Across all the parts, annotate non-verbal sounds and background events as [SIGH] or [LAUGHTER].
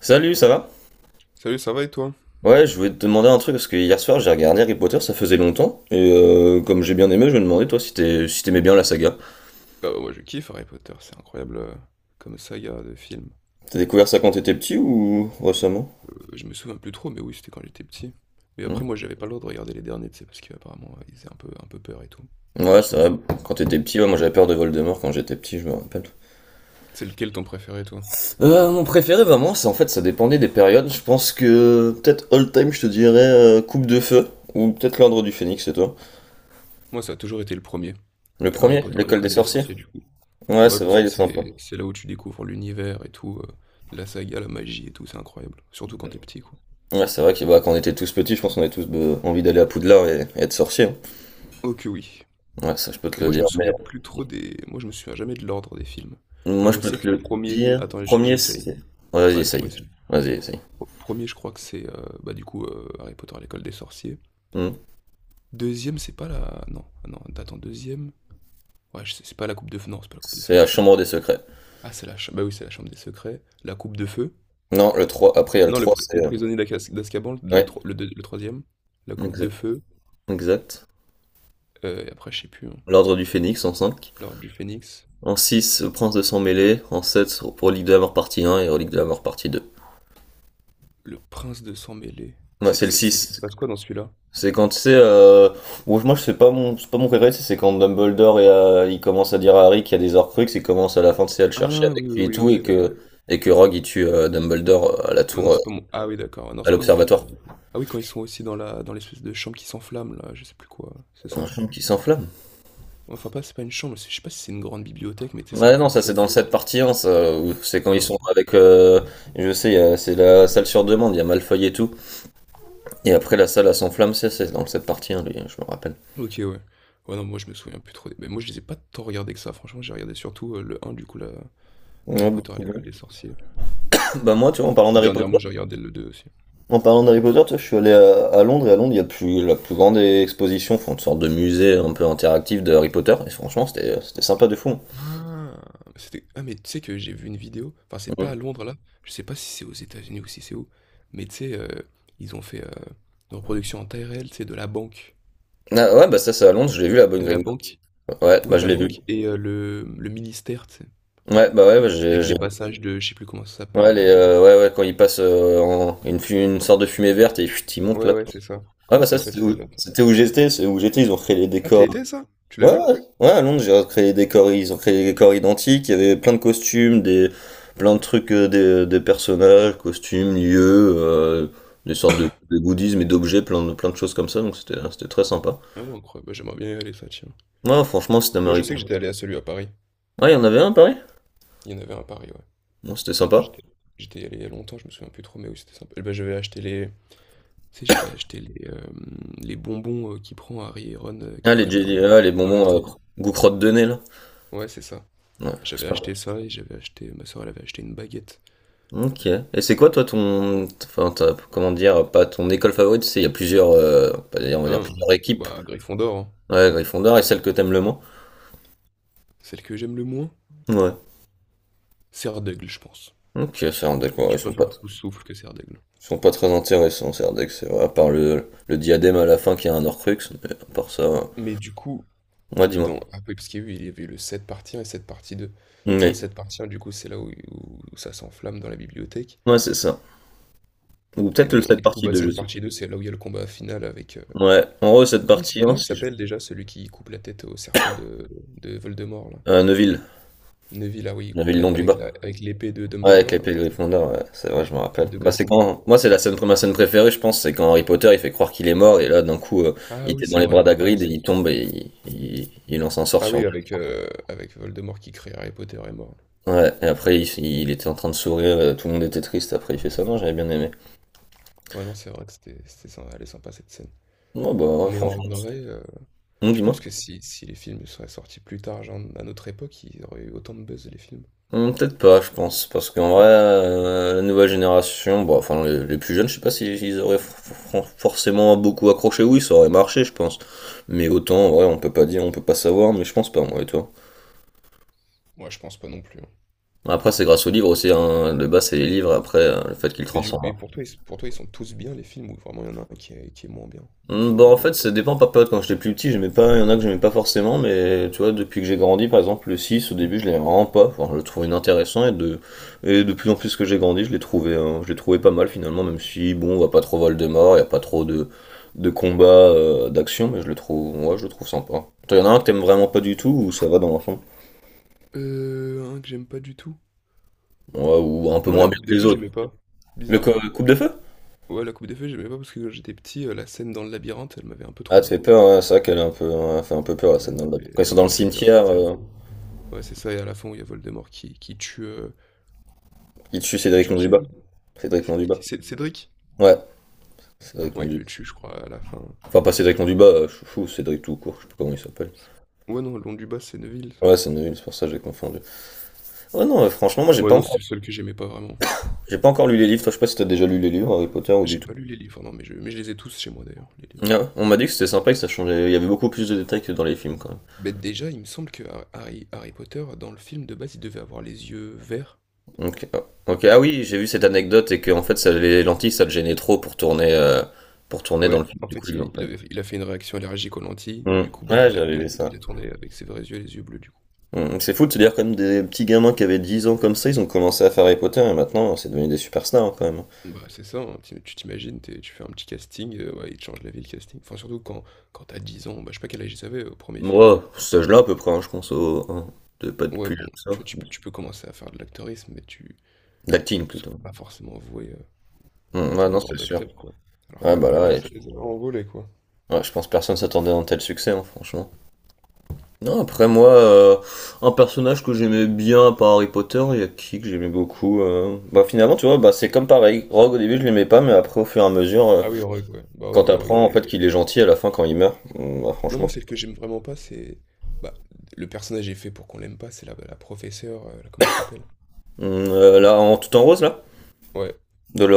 Salut, ça va? Salut, ça va et toi? Ouais, je voulais te demander un truc parce que hier soir j'ai regardé Harry Potter, ça faisait longtemps, comme j'ai bien aimé, je me demandais toi si t'aimais bien la saga. Bah, ouais, moi je kiffe Harry Potter, c'est incroyable comme saga de film. T'as découvert ça quand t'étais petit ou récemment? Je me souviens plus trop, mais oui, c'était quand j'étais petit. Mais Hmm. après, moi j'avais pas le droit de regarder les derniers, tu sais, parce qu'apparemment ils faisaient un peu peur et tout. Je me Ouais, c'est souviens. vrai. Quand t'étais petit, ouais, moi j'avais peur de Voldemort quand j'étais petit, je me rappelle. C'est lequel ton préféré, toi? Mon préféré vraiment, c'est en fait ça dépendait des périodes. Je pense que peut-être all time, je te dirais Coupe de Feu ou peut-être l'Ordre du Phénix, c'est toi. Moi, ça a toujours été le premier, Le Harry premier, Potter à l'école des l'école des sorciers. sorciers, du coup. Ouais, Bah ouais, c'est parce vrai, que il est sympa. c'est là où tu découvres l'univers et tout, la saga, la magie et tout, c'est incroyable. Surtout quand t'es petit, quoi. Ouais, c'est vrai que bah, quand on était tous petits, je pense qu'on avait tous envie d'aller à Poudlard et être sorcier, hein. Ok, oui. Ouais, ça je peux Mais te le moi, je dire, me mais souviens plus trop des. Moi, je me souviens jamais de l'ordre des films. Genre, moi je je peux sais te que le premier. dire. Attends, j- Premier, j'essaye. c'est. Ouais, vas-y, Bah, laisse-moi essaye. essayer. Vas-y, essaye. Pre 1 je crois que c'est, bah, du coup, Harry Potter à l'école des sorciers. Hmm. Deuxième, c'est pas la, non, ah non, attends, 2e, ouais, je sais, c'est pas la coupe de feu. Non, c'est pas la coupe de C'est feu. la chambre des secrets. Ah, c'est la cha bah, oui, c'est la chambre des secrets, la coupe de feu. Non, le 3 après il y a le Non, 3 c'est... le euh, prisonnier d'Azkaban, Ouais, le deux, le 3, la coupe de exact. feu, Exact. Et après, je sais plus, hein, L'ordre du Phénix en cinq. l'ordre du Phénix, En six, le prince de sang mêlé. En sept, Relique de la mort partie un, et Relique de la mort partie deux. le prince de sang mêlé. Ouais, c'est le C'est il se six. passe quoi dans celui-là? C'est quand tu sais, bon, moi je sais pas mon, c'est pas mon préféré, c'est quand Dumbledore il commence à dire à Harry qu'il y a des Horcruxes, et commence à la fin tu sais, à le chercher Ah oui, avec oui, lui et oui, tout, OK, et d'accord. que et que Rogue il tue Dumbledore à la Ah non, tour, c'est pas mon. Ah oui, d'accord. Ah non, à c'est pas mon préféré l'observatoire. non plus. Ah oui, quand ils sont aussi dans la dans l'espèce de chambre qui s'enflamme, là, je sais plus quoi. C'est Un ça? film qui s'enflamme. Enfin, pas, c'est pas une chambre, je sais pas si c'est une grande bibliothèque, mais tu sais, ça Ouais non, prend ça c'est feu. dans le set partie 1, ça, où c'est quand ils sont Ah. avec, je sais, c'est la salle sur demande, il y a Malfoy et tout, et après la salle à s'enflamme, c'est dans le set partie 1, lui, je me rappelle. Ok, ouais. Ouais, non, moi je me souviens plus trop. Mais moi je les ai pas tant regardés que ça, franchement, j'ai regardé surtout le un du coup, Harry Ouais, Potter à beaucoup l'école des de- sorciers. [LAUGHS] Bah moi tu vois. Dernièrement, j'ai regardé le deux aussi. En parlant d'Harry Potter, tu vois, je suis allé à Londres et à Londres, il y a plus, la plus grande exposition, enfin, une sorte de musée un peu interactif de Harry Potter. Et franchement, c'était sympa de fou. Ah, Ah, mais tu sais que j'ai vu une vidéo, enfin, c'est pas à Mhm. Londres là, je sais pas si c'est aux États-Unis ou si c'est où, mais tu sais, ils ont fait une reproduction en taille réelle, tu sais, de la banque. Ah, ouais, bah ça, c'est à Londres, je l'ai vu, la bonne De la Green Party. banque? Ouais, Oui, bah je la l'ai vu. banque et le ministère, tu sais? Ouais, bah, j'ai, Avec j'ai- les passages de je sais plus comment ça Ouais, s'appelle là, les, les ouais, ouais, quand ils passent en une sorte de fumée verte et chut, ils montent ouais, là. ouais, c'est ça. Ah Comment bah ça ça, s'appelle ce délire? Attends, je c'était sais où plus comment. j'étais, c'est où j'étais, ils ont créé les Ah, tu décors. y ça? Tu l'as Ouais, vu? ouais, ouais, à Londres, j'ai créé des corps, ils ont créé des corps identiques, il y avait plein de costumes, des, plein de trucs, des personnages, costumes, lieux, des sortes de goodies, mais d'objets, plein de choses comme ça, donc c'était, hein, c'était très sympa. Ah ouais, incroyable, bah, j'aimerais bien y aller ça, tiens. Ouais, franchement, c'était un Moi, je mari. sais que j'étais allé à celui à Paris. Ouais, il y en avait un, à Paris? Il y en avait un à Paris, ouais. Bon, c'était sympa. J'étais j'étais allé il y a longtemps, je me souviens plus trop, mais oui, c'était sympa. Bah, j'avais acheté les tu sais, j'avais acheté les bonbons, qu'il prend Harry et Ron, Ah, qu'ils les prennent dans jelly, le ah, les dans le bonbons, train. goût crotte de nez, là. Ouais, c'est ça. Ouais, J'avais c'est acheté pas. ça et j'avais acheté ma sœur, elle avait acheté une baguette. Ok. Et c'est quoi, toi, ton, enfin, comment dire, pas ton école favorite, c'est, il y a plusieurs, on va dire Hein, plusieurs équipes. bah, Gryffondor, hein. Ouais, Gryffondor, et celle que t'aimes le moins. Celle que j'aime le moins, Ouais. c'est, je pense. Ok, Serendec, ouais, Je préfère Souffle que c'est. ils sont pas très intéressants, Serendec, c'est vrai, à part le diadème à la fin qui a un Horcrux, mais à part ça, Mais du coup, ouais, dis-moi. dans Après, parce qu'il y a eu, il y avait eu le 7 partie un et 7 partie 2. Dans le Oui, 7 partie un, du coup, c'est là où ça s'enflamme dans la bibliothèque. ouais, c'est ça. Ou Et, peut-être donc, et cette du coup, partie bah, 2, je cette sais. partie 2, c'est là où il y a le combat final avec. Ouais, en gros, cette Comment il, s- partie 1, comment il si je. s'appelle déjà celui qui coupe la tête au serpent de Voldemort, là? Neuville. Neville, ah oui, il coupe Neuville, nom du avec bas. L'épée de Ouais, avec Dumbledore, là, l'épée de c'est ça? Gryffondor, ouais, c'est vrai, je me rappelle. De Bah, c'est Gryffondor. quand, moi, c'est la scène, ma scène préférée, je pense, c'est quand Harry Potter, il fait croire qu'il est mort, et là, d'un coup, il Ah oui, était dans c'est les vrai, bras incroyable d'Hagrid, et ça. il tombe, et il lance un sort Ah sur oui, lui. avec Voldemort qui crée Harry Potter est mort. Ouais, et après, il était en train de sourire, tout le monde était triste, après, il fait ça, non, j'avais bien aimé. Ouais, non, c'est vrai que c'était sympa, elle est sympa cette scène. Non, bah, ouais, Mais en franchement, c'est- vrai, non, tu dis-moi. penses que si les films seraient sortis plus tard, genre à notre époque, ils auraient eu autant de buzz les films? Peut-être pas, je pense, parce qu'en vrai, la nouvelle génération, bon, enfin, les plus jeunes, je sais pas s'ils ils auraient forcément beaucoup accroché, oui, ça aurait marché, je pense. Mais autant, ouais, on peut pas dire, on peut pas savoir, mais je pense pas, moi et toi. Ouais, je pense pas non plus, hein. Après, c'est grâce aux livres aussi, hein, de base, c'est les livres, après, le fait qu'ils Et, du, transforment. et pour toi, ils sont tous bien les films ou vraiment il y en a un qui est moins bien, qui est Bah en mauvais? fait ça dépend par période. Quand j'étais plus petit, j'aimais pas, il y en a que j'aimais pas forcément, mais tu vois, depuis que j'ai grandi, par exemple le 6 au début je l'aimais vraiment pas. Enfin, je le trouvais inintéressant et de plus en plus que j'ai grandi, je l'ai trouvé pas mal finalement, même si bon, on va pas trop Voldemort, il y a pas trop de combats, d'action, mais je le trouve, ouais, je le trouve sympa. Toi, il y en a un que t'aimes vraiment pas du tout ou ça va dans l'ensemble? Un que j'aime pas du tout. Ouais, ou un peu Moi, moins la bien Coupe que de les Feu, autres. j'aimais pas, Le bizarrement. coupe de feu? Ouais, la Coupe de Feu, j'aimais pas parce que quand j'étais petit, la scène dans le labyrinthe, elle m'avait un peu Ah, tu fais trauma. peur, ouais, c'est vrai qu'elle est un peu, elle fait un peu peur la Ouais, Elle scène dans le lac. m'avait, Quand ils elle sont dans le m'avait fait peur cimetière, cette scène. Ouais, c'est ça, et à la fin où il y a Voldemort qui tue. euh, ils tuent il Cédric tue qui, Londubat. Voldemort? Cédric C'est Londubat. c'est Cédric? Ouais, Cédric Ouais, il Monduba. le tue, je crois, à la fin. Enfin, pas Cédric Monduba, Chouchou, Cédric tout court, je sais plus comment il s'appelle. Ouais, non, Long du Bas, c'est Neville, ça. Ouais, c'est nul, c'est pour ça que j'ai confondu. Ouais, non, franchement, moi Ouais, non, c'était le seul que j'aimais pas vraiment. j'ai pas encore lu les livres. Toi, je sais pas si t'as déjà lu les livres Harry Potter ou du J'ai tout. pas lu les livres, non, mais je les ai tous chez moi, d'ailleurs, les livres. Ah, on m'a dit que c'était sympa et que ça changeait. Il y avait beaucoup plus de détails que dans les films quand même. Mais déjà, il me semble que Harry Potter, dans le film de base, il devait avoir les yeux verts. Ok, ah, ok. Ah oui, j'ai vu cette anecdote et que en fait, ça, les lentilles, ça le gênait trop pour tourner dans le Ouais, film. en Du coup, fait, ils l'ont il, pas il eu. avait, il a fait une réaction allergique aux lentilles. Hmm. Du coup, bah, Ouais, il a, j'avais il a, vu ça. il a tourné avec ses vrais yeux, les yeux bleus, du coup. C'est fou de se dire quand même des petits gamins qui avaient 10 ans comme ça, ils ont commencé à faire Harry Potter et maintenant c'est devenu des superstars, hein, quand même, hein. Bah, c'est ça, hein, tu t'imagines, tu fais un petit casting, ouais, il te change la vie, le casting. Enfin, surtout quand t'as 10 ans, bah, je sais pas quel âge ils avaient au premier film. Moi, cet âge-là, à peu près, hein, je pense au, hein, pas de Ouais, plus bon, que tu ça. vois, tu peux commencer à faire de l'acteurisme, mais tu, D'acting ne sont plutôt. pas forcément voués à Mm, ouais, être un non, c'est grand sûr. acteur, quoi. Alors que Ouais, bah là, là, paf, et- ça les a envolés, quoi. ouais, je pense que personne s'attendait à un tel succès, hein, franchement. Non, après, moi, un personnage que j'aimais bien par Harry Potter, il y a qui que j'aimais beaucoup bah, finalement, tu vois, bah, c'est comme pareil. Rogue, au début, je l'aimais pas, mais après, au fur et à mesure, Ah oui, le Rogue, ouais. Bah oui, quand oui, Rogue, t'apprends il en est. fait qu'il est gentil à la fin quand il meurt, bah, Non, franchement. moi, celle que j'aime vraiment pas, c'est. Bah, le personnage est fait pour qu'on l'aime pas, c'est la professeure, comment elle s'appelle? Mm, là, en tout en rose, là. Ouais,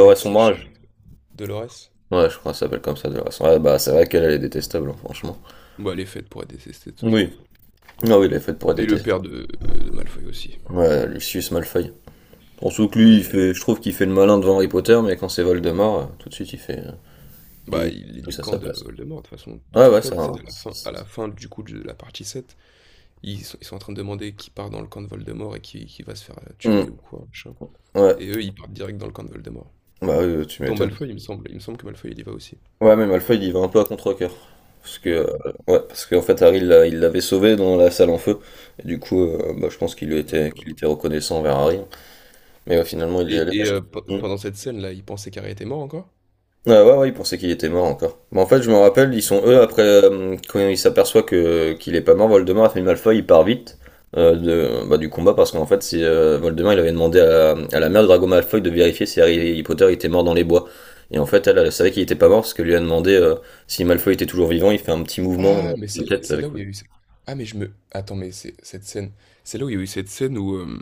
avec ses chats Sombrage. et tout. Dolores? Ouais, je crois que ça s'appelle comme ça, Dolores Sombrage. Ouais, bah, c'est vrai qu'elle, elle est détestable, hein, franchement. Bah, elle est faite pour être détestée, de toute façon. Oui. Ah oui, il est fait pour être Et le détesté. père de Malfoy aussi. Ouais, Lucius Malfoy. Surtout que Ouais, lui, il il est. fait, je trouve qu'il fait le malin devant Harry Potter, mais quand c'est Voldemort, tout de suite, il fait, Bah, il il est trouve du ça à camp sa de place. Voldemort, de toute façon. Tu Ouais, te ouais, rappelles, c'est tu sais, un. à la fin, du coup, de la partie sept, ils sont en train de demander qui part dans le camp de Voldemort et qui va se faire Hmm, tuer ou quoi, machin. ouais, Et eux, ils partent direct dans le camp de Voldemort. bah oui, tu Dont m'étonnes. Malfoy, il me semble. Il me semble que Malfoy, il y va aussi. Ouais, mais Malfoy, il y va un peu à contre-cœur. Parce que, Ouais. Ouais, parce qu'en fait, Harry, il l'avait sauvé dans la salle en feu. Et du coup, bah, je pense qu'il Ah. était reconnaissant envers Harry. Mais ouais, finalement, il y Et, allait. et, euh, pe- Hmm. pendant cette scène-là, il pensait qu'Harry était mort encore? Ah ouais, ouais, ils pensaient qu'il était mort encore. Mais en fait, je me rappelle, ils sont eux, après, quand ils s'aperçoivent que, qu'il est pas mort, Voldemort a fait une malfoy, il part vite euh, de, bah, du combat, parce qu'en fait, Voldemort, il avait demandé à la mère de Drago Malfoy de vérifier si Harry Potter était mort dans les bois. Et en fait, elle, elle savait qu'il était pas mort, parce qu'elle lui a demandé si Malfoy était toujours vivant, il fait un petit mouvement Ah, mais de c'est tête c'est là avec où il lui. y a eu. Ah, mais Attends, mais c'est cette scène. C'est là où il y a eu cette scène où, euh,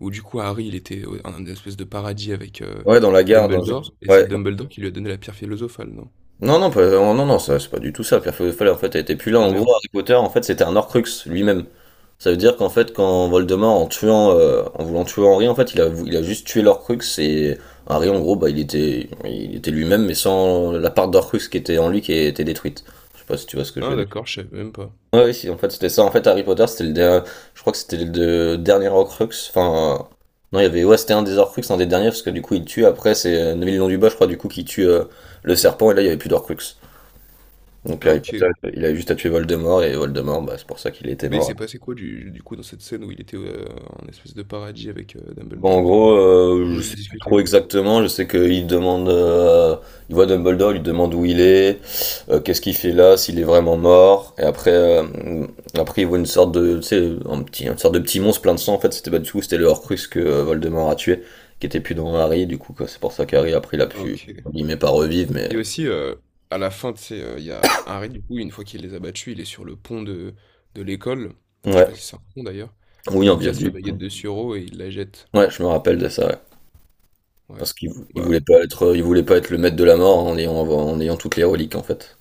où du coup, Harry, il était dans une espèce de paradis avec Ouais, dans la gare, dans. Dumbledore, et c'est Ouais. Dumbledore qui lui a donné la pierre philosophale, non? Non, non, non, non, non, ça, c'est pas du tout ça. Pierre Feuille en fait, elle était plus là. Ah, En gros, merde. Harry Potter, en fait, c'était un Horcrux lui-même. Ça veut dire qu'en fait, quand Voldemort, en tuant, en voulant tuer Henri, en fait, il a juste tué l'Orcrux et Harry, en gros, bah, il était lui-même, mais sans la part d'Orcrux qui était en lui qui était détruite. Je sais pas si tu vois ce que je veux Ah, dire. d'accord, je savais même pas. Ouais, oui, si, en fait, c'était ça. En fait, Harry Potter, c'était le dernier, je crois que c'était le dernier Horcrux. Enfin, non, il y avait, ouais, c'était un des Horcrux, un des derniers, parce que du coup, il tue. Après, c'est Neville Londubat, je crois, du coup, qui tue le serpent, et là, il y avait plus d'Horcrux. Donc, Ah, Harry ok. Potter, il a juste à tuer Voldemort, et Voldemort, bah, c'est pour ça qu'il était Mais il mort. s'est passé quoi, du coup, dans cette scène où il était en espèce de paradis avec Bon, en Dumbledore, là. gros, Ils ont je juste sais plus discuté, trop quoi. exactement. Je sais qu'il demande, il voit Dumbledore, il lui demande où il est, qu'est-ce qu'il fait là, s'il est vraiment mort. Et après, il voit une sorte de, tu sais, un petit, une sorte de petit monstre plein de sang. En fait, c'était pas du tout, c'était le Horcrux que Voldemort a tué, qui était plus dans Harry. Du coup, quoi, c'est pour ça qu'Harry après, il a pu, OK. entre guillemets, pas revivre, mais Et aussi, à la fin, tu sais, il y a Harry, du coup, une fois qu'il les a battus, il est sur le pont de l'école. Enfin, je sais pas si ouais, c'est un pont d'ailleurs, oui, et en il casse la viaduc, baguette bon. de Suro et il la jette. Ouais, je me rappelle de ça, ouais. Ouais. Parce qu'il Bah, il voulait pas être le maître de la mort en ayant toutes les reliques en fait.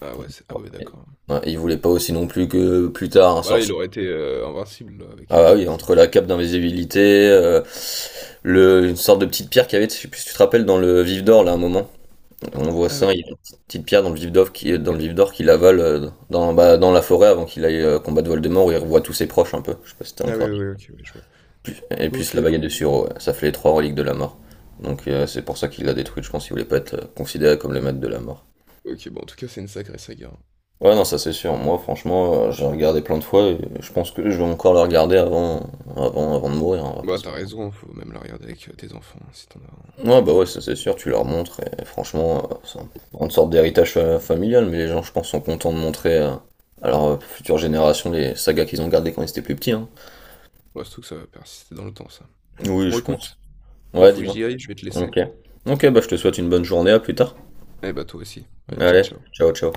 ah ouais, c'est ah ouais, d'accord. Ouais, il voulait pas aussi non plus que plus tard un Bah, là, il sorcier. aurait été, invincible, là, Ah avec, heu, bah oui, avec ça. entre la cape d'invisibilité, euh, une sorte de petite pierre qu'il y avait, je sais plus si tu te rappelles, dans le Vif d'Or, là, à un moment. On voit Ah ça, il y oui. a une petite petite pierre dans le Vif d'Or dans le Vif d'Or qu'il avale dans, bah, dans la forêt avant qu'il aille combattre Voldemort où il revoit tous ses proches un peu. Je sais pas si t'as Ah oui, encore oui, dit. oui, OK, oui je vois. Et puis OK. la baguette de Suro, ouais. Ça fait les trois reliques de la mort. Donc c'est pour ça qu'il l'a détruite, je pense qu'il voulait pas être considéré comme le maître de la mort. OK, bon, en tout cas, c'est une sacrée saga, hein. Ouais, non, ça c'est sûr. Moi, franchement, j'ai regardé plein de fois et je pense que je vais encore le regarder avant de mourir, hein, on va pas Bah, se- t'as raison, hein, faut même la regarder avec, tes enfants, hein, si t'en as un de Ouais, ces bah ouais, quatre. ça hein. c'est sûr, tu leur montres et franchement, c'est une grande sorte d'héritage familial, mais les gens, je pense, sont contents de montrer à leur future génération les sagas qu'ils ont gardées quand ils étaient plus petits, hein. Bah, surtout que ça va persister dans le temps, ça. Oui, Bon, je pense. écoute, moi, Ouais, faut que j'y dis-moi. aille, je vais te laisser. Ok. Ok, bah je te souhaite une bonne journée, à plus tard. Eh bah, toi aussi. Allez, ciao, Allez, ciao. ciao, ciao.